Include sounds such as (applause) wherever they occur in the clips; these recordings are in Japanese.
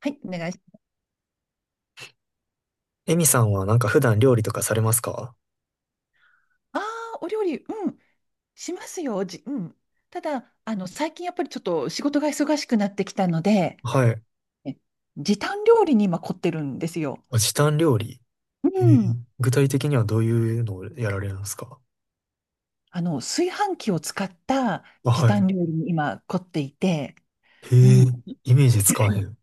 はい、お願いします。エミさんはなんか普段料理とかされますか？ああ、お料理、しますよ。じ、うん。ただ、最近やっぱりちょっと仕事が忙しくなってきたので、はい。え時短料理に今凝ってるんですよ。あ、時短料理。うへえ。ん。具体的にはどういうのをやられるんですか？炊飯器を使ったあ、時はい。短料理に今凝っていて、うへえ。ん。イイメージつかへん。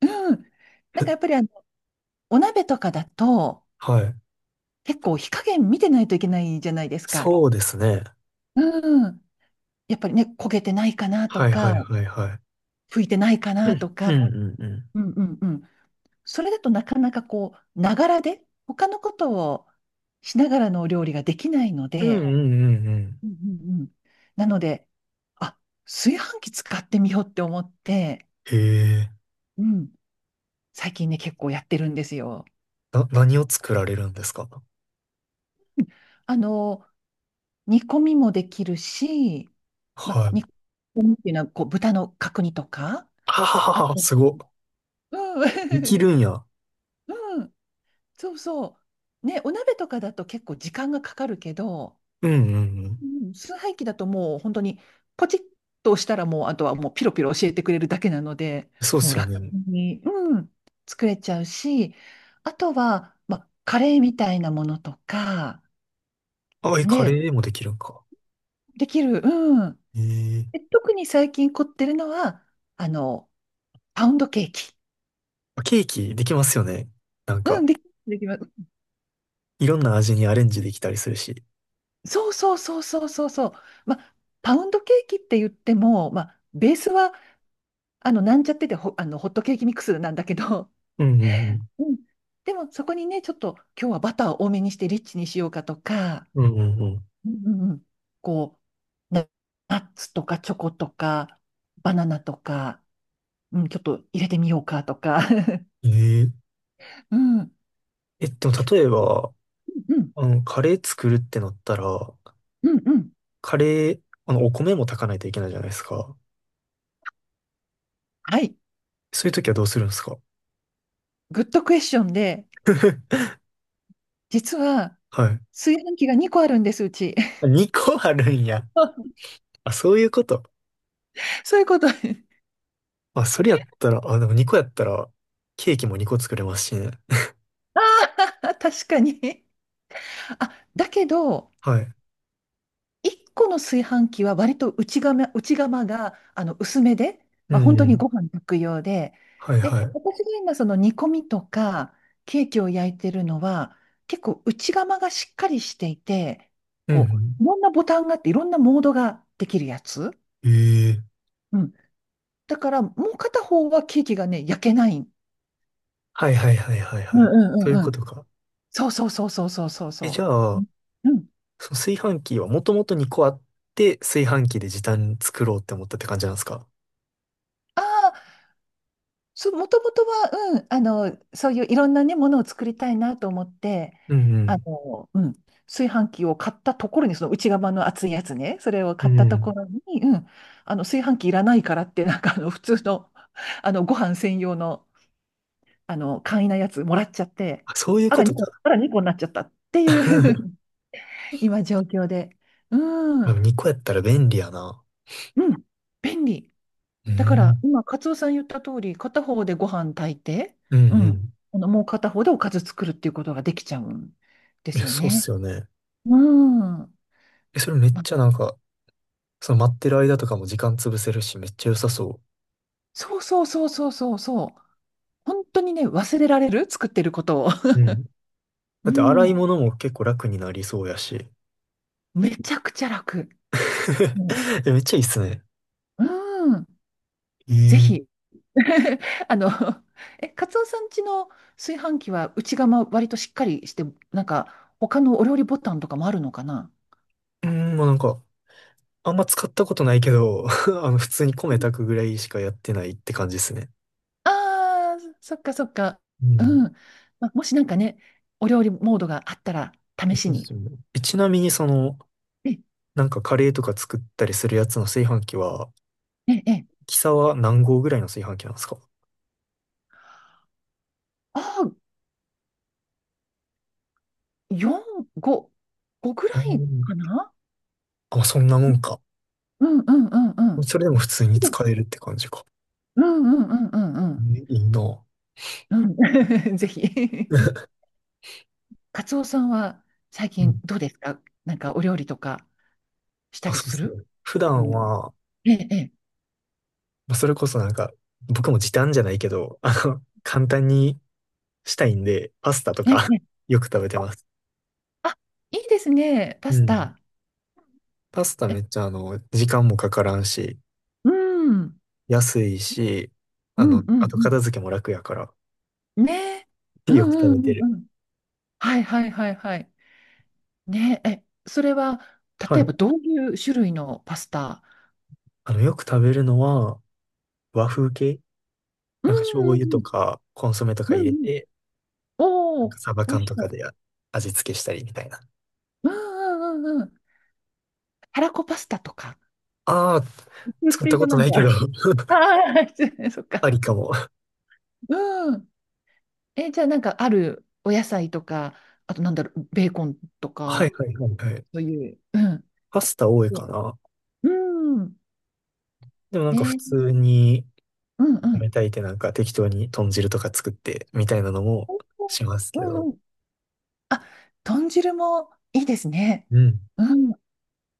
うん。なんかやっぱり、お鍋とかだと、はい。結構火加減見てないといけないじゃないですか。そうですね。うん。やっぱりね、焦げてないかなとはいはいか、はいはい。拭いてないかうなん、とか。うん、うんうん。うんうんうん。それだとなかなかこう、ながらで、他のことをしながらのお料理ができないのうんうで、んうんうん。うんうんうん。なので、あ、炊飯器使ってみようって思って、へえ。うん、最近ね、結構やってるんですよ。何を作られるんですか？うんあの、煮込みもできるし、ま、はい。煮込みっていうのはこう豚の角煮とか、ははあはは、と、すご。うできるん、んや。(laughs) うん、そうそう。ね、お鍋とかだと結構時間がかかるけど、うんうんうん。うん崇拝機だともう本当にポチッと押したらもうあとはもうピロピロ教えてくれるだけなので、そうっもうすよ楽ね。に、作れちゃうし、あとは、まあ、カレーみたいなものとか、あ、え、カレで、ーもできるんか？できる、うん。へえ。で特に最近凝ってるのは、あの、パウンドケーキ。あ、ケーキできますよね。なんうん、か。でき、できます。いろんな味にアレンジできたりするし。そうそうそうそうそうそう。まあ、パウンドケーキって言っても、まあ、ベースは、あの、なんちゃっててほ、あの、ホットケーキミックスなんだけど、うんうんうんでもそこにね、ちょっと今日はバターを多めにしてリッチにしようかとか、うん。うんうんうんうんうんこう、ナッツとかチョコとか、バナナとか、うん、ちょっと入れてみようかとか。うん。ええ。(laughs) うん、え、でも例えうん、ば、うん、カレー作るってなったら、うんうん。カレー、お米も炊かないといけないじゃないですか。はい。そういう時はどうするんですか？ グッドクエスチョンで、(laughs) 実ははい。炊飯器が2個あるんです、うち。あ、2個あるんや。(laughs) あ、そういうこと。そういうこと。(laughs) あまあ、それやったら、あ、でも2個やったら、ケーキも2個作れますしね。あ、確かに。(laughs) あ、だけど、はい。1個の炊飯器は割と内釜があの薄めで、うまあ、んう本当にん。ご飯炊く用で、はいはで、い。私が今その煮込みとかケーキを焼いてるのは結構内釜がしっかりしていて、うこんう、いろんなボタンがあっていろんなモードができるやつ。うん。ええ。うん。だからもう片方はケーキがね、焼けない。はいはいはいはいうはんい。うんそうういんううこん。とか。そうそうそうそうそうそうえ、じゃそう。あ、うん。その炊飯器はもともと2個あって、炊飯器で時短作ろうって思ったって感じなんですか？ああ、そう、もともとは、うん、そういういろんなね、ものを作りたいなと思って、うあんの、うん、炊飯器を買ったところに、その内釜の熱いやつね、それをう買っん。たうとこん。ろに、うん、炊飯器いらないからって、なんか、普通の、ご飯専用の、簡易なやつもらっちゃって、あ、そういうあこら、と2個、か。あら、2個になっちゃったっていう (laughs) (laughs) 今、状況で。うん、う2個やったら便利やな。ん、便利。うだからん。今、カツオさん言った通り、片方でご飯炊いて、うんううん、ん。あのもう片方でおかず作るっていうことができちゃうんでいすや、よそうっね。すよね。うん。え、それめっまあ、ちゃなんか、その待ってる間とかも時間潰せるし、めっちゃ良さそそうそうそうそうそうそう。本当にね、忘れられる作ってることを。う。うん。(laughs) だうって洗いん。物も結構楽になりそうやし。めちゃくちゃ楽。も (laughs) え、めっちゃいいっすね。う、うん。えぜひ。え。(laughs) あの、カツオさん家の炊飯器は内釜割としっかりして、なんか他のお料理ボタンとかもあるのかな。うん、まあなんか、あんま使ったことないけど、(laughs) 普通に米炊くぐらいしかやってないって感じですね。ああ、そっかそっか。うん。うん。もしなんかね、お料理モードがあったら、え、試そしうっに。すよね。え、ちなみにその、え、なんかカレーとか作ったりするやつの炊飯器は、え、え、キサは何号ぐらいの炊飯器なんですか？ああ、4、5、5ぐらあー、いでも、かな。まあ、そんなもんか。うんうんうんうん。それでも普通に使えるって感じか。うんうんうんうんうん。え、いいな。うん。(laughs) ぜひ。カツオさんは最う近ん。どう (laughs) ですか。なんかお料理とかしたあ、りそうですする、ね。普自段分で。は、ええ、えまあそれこそなんか、僕も時短じゃないけど、簡単にしたいんで、パスタとえ、えか え。(laughs) よく食べてます。あ、いいですね。パうスん。タ。パスタえ、めっちゃ時間もかからんし、うん。安いし、うんうんあとうん。片付けも楽やから、ねえ。(laughs) うんよく食うんべてうんる。うん。はいはいはいはい。ねえ、それは、は例えい。ばどういう種類のパスタ。よく食べるのは、和風系うなんか醤んうん油うとん。か、コンソメとかう入んれうん。て、おなんかお、サバ美缶味しとかそで味付けしたりみたいな。う。うん。たらこパスタとか。ああ、言っ作ってたいこたとなんないか。けど (laughs) ああ、失礼そっあか。りかも。うん。え、じゃあなんかあるお野菜とか、あとなんだろう、ベーコンとはいか、はいはいはい。そういう。うん。パスタ多いかな。うん。でもなんかえ普ー通に、うんう米ん。炊いてなんか適当に豚汁とか作ってみたいなのもしますうけんうど。ん。あ、豚汁もいいですね。うん。うん。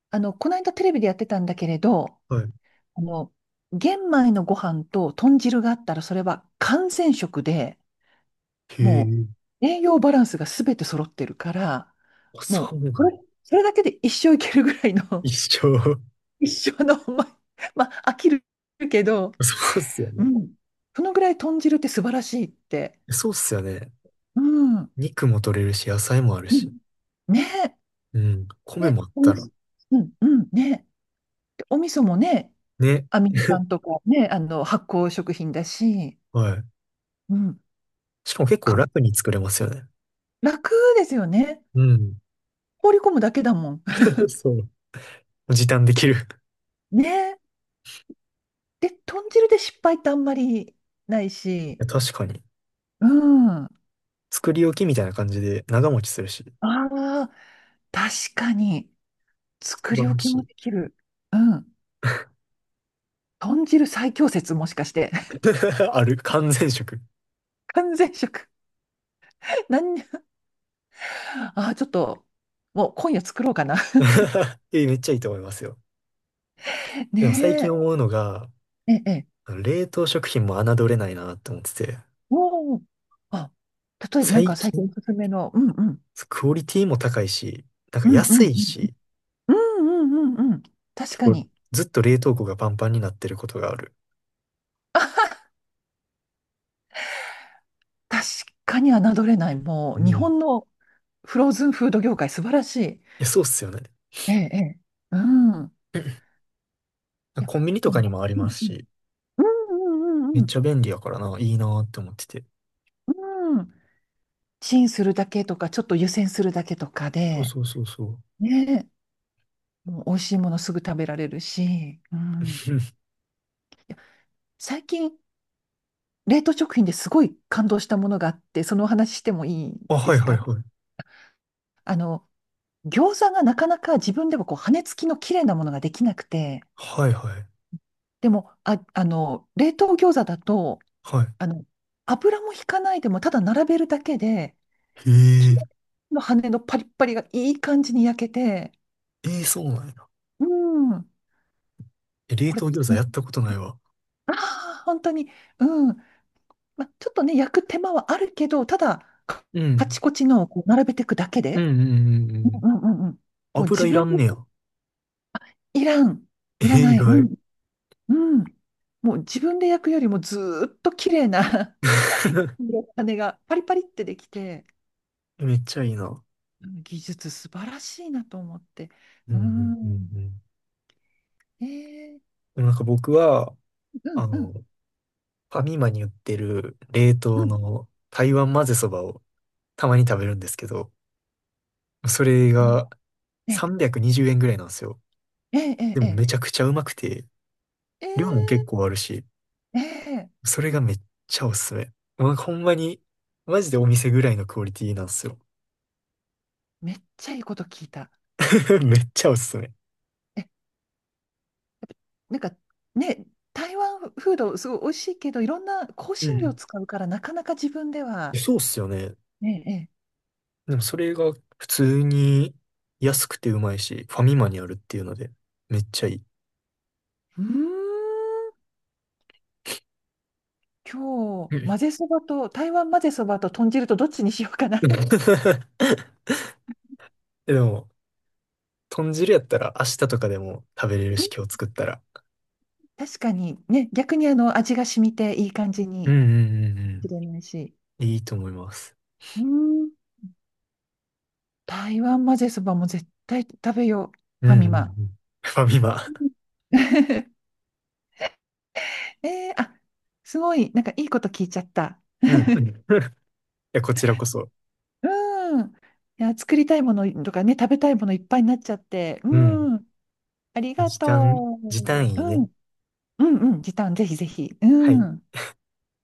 あの、この間テレビでやってたんだけれど、はい。あの、玄米のご飯と豚汁があったら、それは完全食で、へもえ。う栄養バランスがすべて揃ってるから、あ、そもうなう、んこや。れそれだけで一生いけるぐらい一の、緒。(laughs) 一生の、まあ、飽きるけど、(laughs) そうっすようね。ん。そのぐらい豚汁って素晴らしいって。そうっすよね。うん。肉も取れるし、野菜もあるうし。んねえ。うん。米ね、もあっおみたら。うん、うん、ねえ。でお味噌もね、ね。アミノ酸とかね、発酵食品だし、はい。うん、しかも結構か楽に作れますよね。楽ですよね。うん。放り込むだけだもん。(laughs) (laughs) そう。時短できる。いね。で、豚汁で失敗ってあんまりないし、や、確かに。うん。あ作り置きみたいな感じで長持ちするし、あ、確かに、一作り番置欲きしもい。できる。うん。豚汁最強説、もしかして。(laughs) (laughs) ある。完全食。完全食。(laughs) 何に、ああ、ちょっと、もう今夜作ろうかな。(laughs) え、めっちゃいいと思いますよ。(laughs) でも最ね近思うのが、え。あの冷凍食品も侮れないなって思ってて、おお。あ、例えば、なん最か最近近、おすすめの、うんうん。クオリティも高いし、なんかうんう安んいうん。し、うんうんうんうん。確結か構に。ずっと冷凍庫がパンパンになってることがある。確かに侮れない。もうう、ん。日い本のフローズンフード業界、素晴らしい。や、そうっすよね。ええ、ええ。うん。いや、コンビニとあかのにもありうまんすし、うんうんうめんうっんちゃ便利やからな、いいなって思ってて。うん。うん。チンするだけとか、ちょっと湯煎するだけとかそうで、そうそうそう。ねえ、もう美味しいものすぐ食べられるし、うん。(laughs) 最近、冷凍食品ですごい感動したものがあって、そのお話してもいいあ、ではいすはいか。はい。あの、餃子がなかなか自分でもこう、羽根付きの綺麗なものができなくて、はいはい。でも、冷凍餃子だと、はあの、油も引かないでも、ただ並べるだけで、い。へきれえ。いの羽のパリッパリがいい感じに焼けて、ええ、そうなんや。うん、え、冷これ、凍餃子やったことないわ。ああ、本当に、うん、ま、ちょっとね、焼く手間はあるけど、ただ、うカチん。コチのをこう並べていくだけうんで、うんうんうん。うんうんうんうん、もう油自いら分んねや。いらん、いらええ、意ない、外。うん、もう自分で焼くよりもずーっと綺麗な (laughs) (laughs) 羽がパリパリってできて、めっちゃいいな。技術素晴らしいなと思って。うんううんうんうん。ん。えー、でもなんか僕は、うんあうの、んファミマに売ってる冷う凍ん。の台湾混ぜそばをたまに食べるんですけど、それうんがえ、320円ぐらいなんですよ。え、え、でえ、もえ、めちゃくちゃうまくて、量もえ、結構あるし、えー、それがめっちゃおすすめ。まあ、ほんまに、マジでお店ぐらいのクオリティなんですよ。めっちゃいいこと聞いた。(laughs) めっちゃおすすめ。え、なんかね、台湾フードすごい美味しいけど、いろんな香う辛料ん。使うからなかなか自分では。そうっすよね。ええ、ええでもそれが普通に安くてうまいし、ファミマにあるっていうので、めっちゃいい。うーん、今日、う混ん。 ぜそばと、台湾混ぜそばと豚汁とどっちにしようかな。(laughs) (laughs) でも、豚汁やったら明日とかでも食べれるうし、ん今日作ったら。確かにね、逆にあの味が染みていい感じうんうにんうんしれうないし。ん、いいと思います。うーん台湾混ぜそばも絶対食べよう。うんファうん。ミうんうマ。ん、ファミマ。(laughs) えー、あ、すごい、なんかいいこと聞いちゃった。うん。(laughs) いや、こちらこそ。うん。いや、作りたいものとかね、食べたいものいっぱいになっちゃって。うん。うん。ありうん。が時と短、時短う。いいうね。ん。うんうん。時短、ぜひぜひ。はうい。ん。